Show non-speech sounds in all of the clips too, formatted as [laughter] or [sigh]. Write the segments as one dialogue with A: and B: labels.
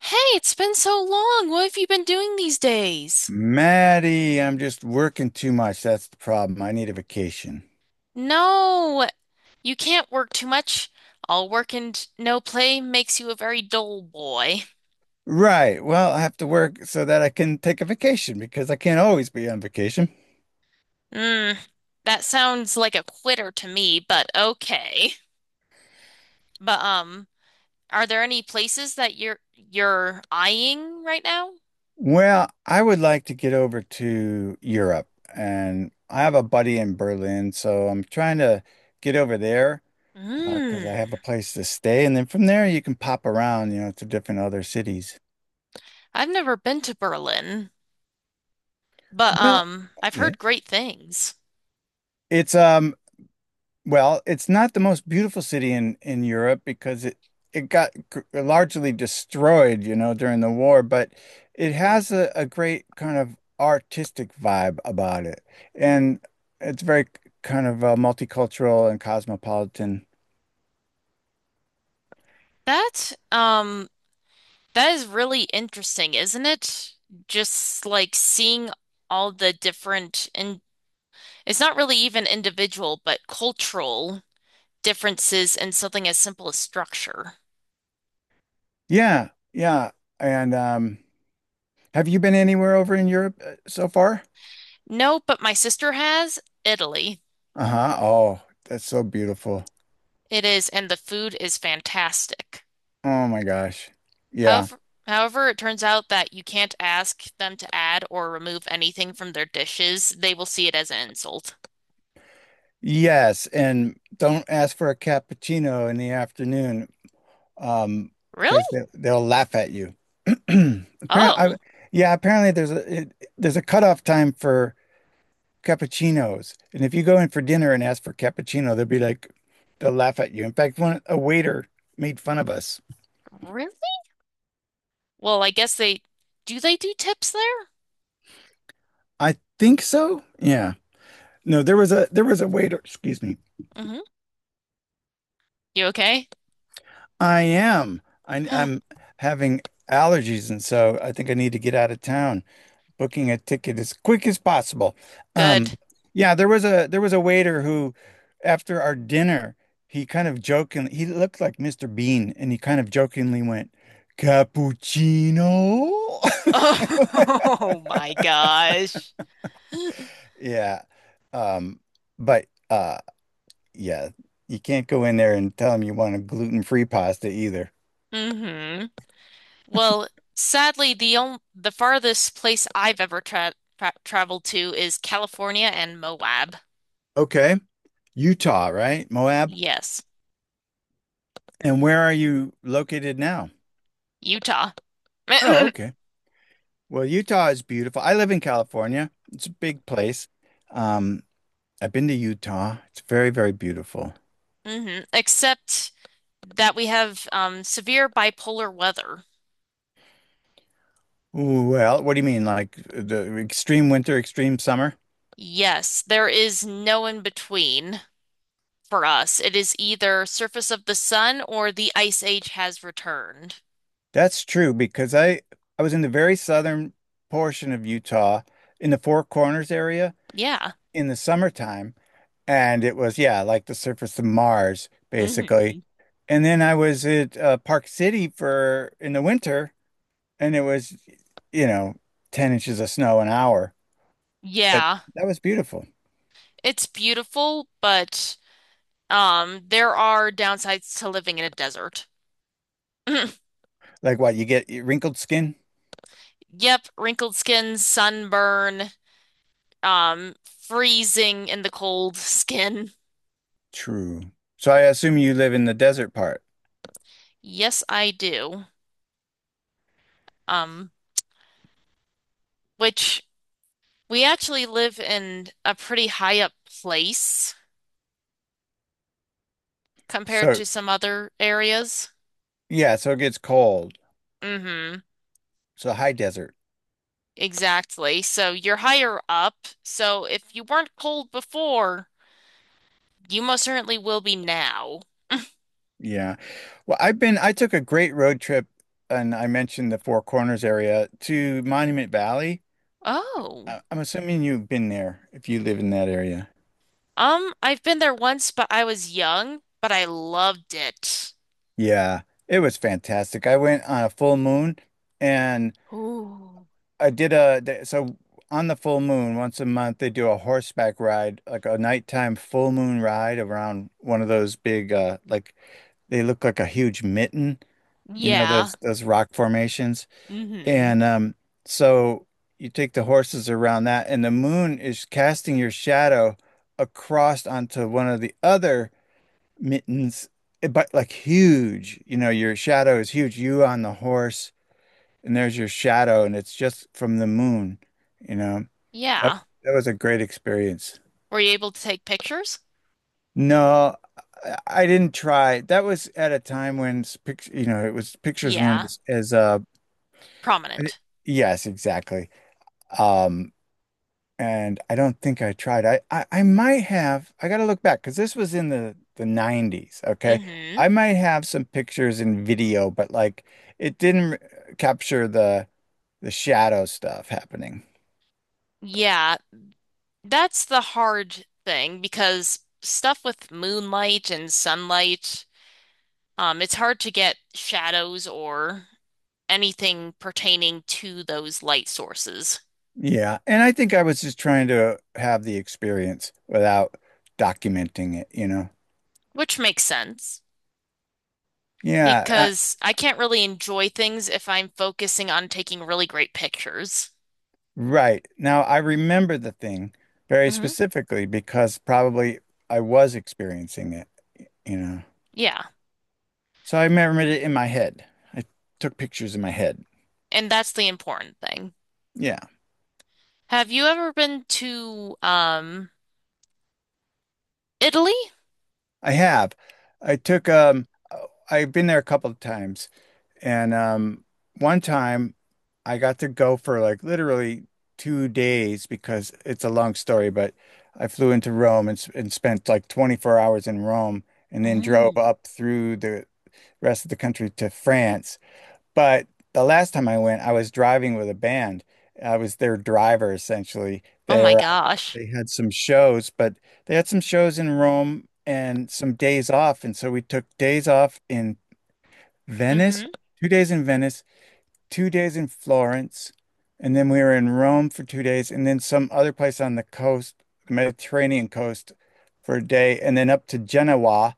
A: Hey, it's been so long. What have you been doing these days?
B: Maddie, I'm just working too much. That's the problem. I need a vacation.
A: No, you can't work too much. All work and no play makes you a very dull boy.
B: Right. Well, I have to work so that I can take a vacation because I can't always be on vacation.
A: Mm, that sounds like a quitter to me, but okay. But are there any places that you're eyeing right now?
B: Well, I would like to get over to Europe and I have a buddy in Berlin, so I'm trying to get over there 'cause because I have a
A: Mm,
B: place to stay. And then from there you can pop around, you know, to different other cities.
A: I've never been to Berlin, but
B: Well,
A: I've heard
B: yes.
A: great things.
B: It's Well, it's not the most beautiful city in Europe because it got largely destroyed, you know, during the war, but it
A: Mm.
B: has a great kind of artistic vibe about it. And it's very kind of multicultural and cosmopolitan.
A: That um That is really interesting, isn't it? Just like seeing all the different, and it's not really even individual, but cultural differences in something as simple as structure.
B: Yeah, yeah. And Have you been anywhere over in Europe so far?
A: No, but my sister has Italy.
B: Uh-huh. Oh, that's so beautiful.
A: It is, and the food is fantastic.
B: Oh my gosh. Yeah.
A: However, however, it turns out that you can't ask them to add or remove anything from their dishes. They will see it as an insult.
B: Yes, and don't ask for a cappuccino in the afternoon, um, because
A: Really?
B: they'll laugh at you. [clears throat] Apparently, I,
A: Oh,
B: yeah, apparently there's a cutoff time for cappuccinos, and if you go in for dinner and ask for cappuccino, they'll laugh at you. In fact, one a waiter made fun of us.
A: really? Well, I guess they do tips there?
B: I think so. Yeah. No, there was a waiter. Excuse me.
A: Hmm. You okay?
B: I am.
A: [gasps]
B: I'm having allergies, and so I think I need to get out of town. Booking a ticket as quick as possible. Um,
A: Good. [laughs]
B: yeah, there was a waiter who, after our dinner, he kind of jokingly he looked like Mr. Bean, and he kind of jokingly went, "Cappuccino." [laughs]
A: Oh my gosh.
B: Yeah, um, but uh, yeah, you can't go in there and tell them you want a gluten-free pasta either.
A: Hmm. Well, sadly, the farthest place I've ever traveled to is California and Moab.
B: Okay, Utah, right? Moab.
A: Yes,
B: And where are you located now?
A: Utah. [laughs]
B: Oh,
A: Hmm.
B: okay. Well, Utah is beautiful. I live in California. It's a big place. Um, I've been to Utah. It's very, very beautiful.
A: Except that we have severe bipolar weather.
B: Ooh, well, what do you mean, like the extreme winter, extreme summer?
A: Yes, there is no in between for us. It is either surface of the sun or the ice age has returned.
B: That's true because I was in the very southern portion of Utah, in the Four Corners area
A: Yeah.
B: in the summertime, and it was, yeah, like the surface of Mars basically.
A: Hmm.
B: And then I was at Park City for in the winter, and it was, you know, 10 inches of snow an hour. But
A: Yeah.
B: that was beautiful.
A: It's beautiful, but there are downsides to living in a desert. [laughs] [clears throat]
B: Like what, you get wrinkled skin?
A: Yep, wrinkled skin, sunburn, um, freezing in the cold skin.
B: True. So I assume you live in the desert part.
A: Yes, I do. Um, which we actually live in a pretty high up place compared
B: So
A: to some other areas.
B: yeah, so it gets cold.
A: Mm-hmm.
B: So high desert.
A: Exactly. So you're higher up. So if you weren't cold before, you most certainly will be now.
B: Yeah. Well, I took a great road trip and I mentioned the Four Corners area to Monument Valley.
A: Oh.
B: I'm assuming you've been there if you live in that area.
A: I've been there once, but I was young, but I loved it.
B: Yeah, it was fantastic. I went on a full moon, and
A: Ooh.
B: I did a th- so on the full moon once a month they do a horseback ride, like a nighttime full moon ride around one of those big, like, they look like a huge mitten, you know,
A: Yeah.
B: those rock formations.
A: Mm-hmm.
B: And so You take the horses around that and the moon is casting your shadow across onto one of the other mittens, eh, but like huge, you know, your shadow is huge, you on the horse and there's your shadow, and it's just from the moon. You know, that,
A: Yeah.
B: that was a great experience.
A: Were you able to take pictures?
B: No, I didn't try. That was at a time when you know, it was pictures weren't
A: Yeah.
B: as, I
A: Prominent.
B: yes, exactly. Um, and I don't think I tried. I might have. I got to look back because this was in the nineties. Okay,
A: Mm-hmm.
B: I might have some pictures and video, but like it didn't capture the shadow stuff happening.
A: Yeah. That's the hard thing because stuff with moonlight and sunlight, it's hard to get shadows or anything pertaining to those light sources,
B: Yeah, and I think I was just trying to have the experience without documenting it, you know?
A: which makes sense.
B: Yeah, I,
A: Because I can't really enjoy things if I'm focusing on taking really great pictures.
B: right. Now I remember the thing very
A: Hmm.
B: specifically because probably I was experiencing it, you know?
A: Yeah,
B: So I remembered it in my head. I took pictures in my head.
A: and that's the important thing.
B: Yeah,
A: Have you ever been to Italy?
B: I have. I took, I've been there a couple of times. And one time I got to go for like literally 2 days because it's a long story, but I flew into Rome and spent like 24 hours in Rome and then drove
A: Mm.
B: up through the rest of the country to France. But the last time I went, I was driving with a band. I was their driver essentially.
A: Oh my gosh.
B: They had some shows, but they had some shows in Rome and some days off. And so we took days off in
A: Hmm.
B: Venice, 2 days in Venice, 2 days in Florence, and then we were in Rome for 2 days, and then some other place on the coast, Mediterranean coast, for a day, and then up to Genoa.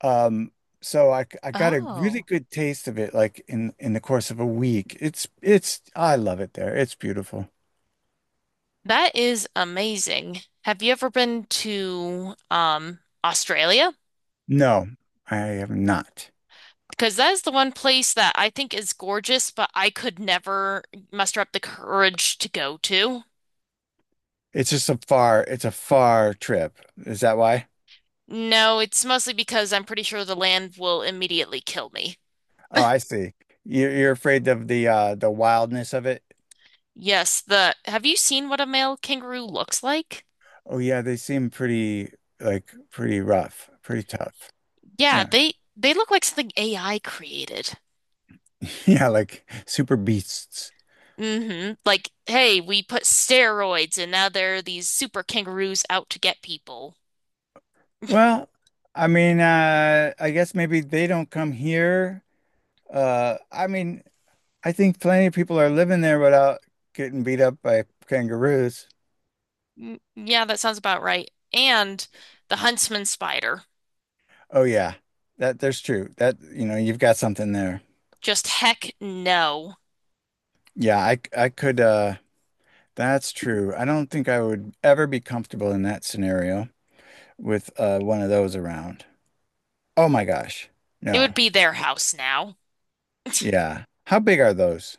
B: Um, I got a really
A: Oh,
B: good taste of it, like in the course of a week. It's I love it there. It's beautiful.
A: that is amazing. Have you ever been to Australia?
B: No, I am not.
A: Because that is the one place that I think is gorgeous, but I could never muster up the courage to go to.
B: It's just a far it's a far trip. Is that why?
A: No, it's mostly because I'm pretty sure the land will immediately kill me.
B: Oh, I see. You're afraid of the wildness of it.
A: Yes, the have you seen what a male kangaroo looks like?
B: Oh yeah, they seem pretty, like pretty rough, pretty tough.
A: Yeah,
B: Yeah.
A: they look like something AI created.
B: [laughs] Yeah, like super beasts.
A: Mm-hmm. Like, hey, we put steroids and now there are these super kangaroos out to get people.
B: Well, I mean, I guess maybe they don't come here. I mean, I think plenty of people are living there without getting beat up by kangaroos.
A: Mm, yeah, that sounds about right. And the huntsman spider.
B: Oh yeah. That There's true. That, you know, you've got something there.
A: Just heck no.
B: Yeah, I could that's true. I don't think I would ever be comfortable in that scenario with one of those around. Oh my gosh.
A: It
B: No.
A: would be their house now.
B: Yeah. How big are those?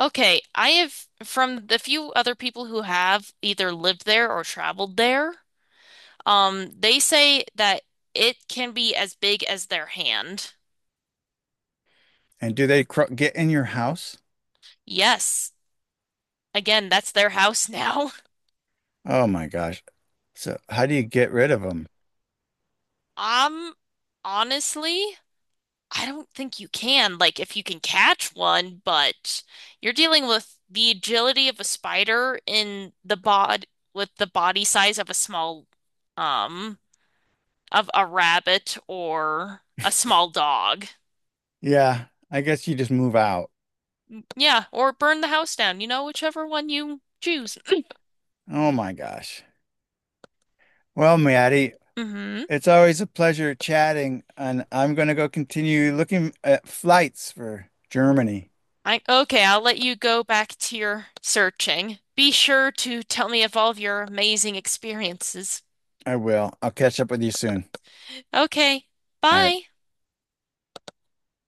A: Okay, I have from the few other people who have either lived there or traveled there, they say that it can be as big as their hand.
B: And do they cro get in your house?
A: Yes. Again, that's their house now. [laughs]
B: Oh my gosh. So how do you get rid of them?
A: Um, honestly, I don't think you can. Like, if you can catch one, but you're dealing with the agility of a spider in the bod with the body size of a small, um, of a rabbit or a small dog.
B: Yeah, I guess you just move out.
A: Yeah, or burn the house down, you know, whichever one you choose.
B: Oh my gosh. Well, Maddie,
A: Mm-hmm.
B: it's always a pleasure chatting, and I'm going to go continue looking at flights for Germany.
A: I okay, I'll let you go back to your searching. Be sure to tell me of all of your amazing experiences.
B: I will. I'll catch up with you soon.
A: Okay,
B: All right.
A: bye.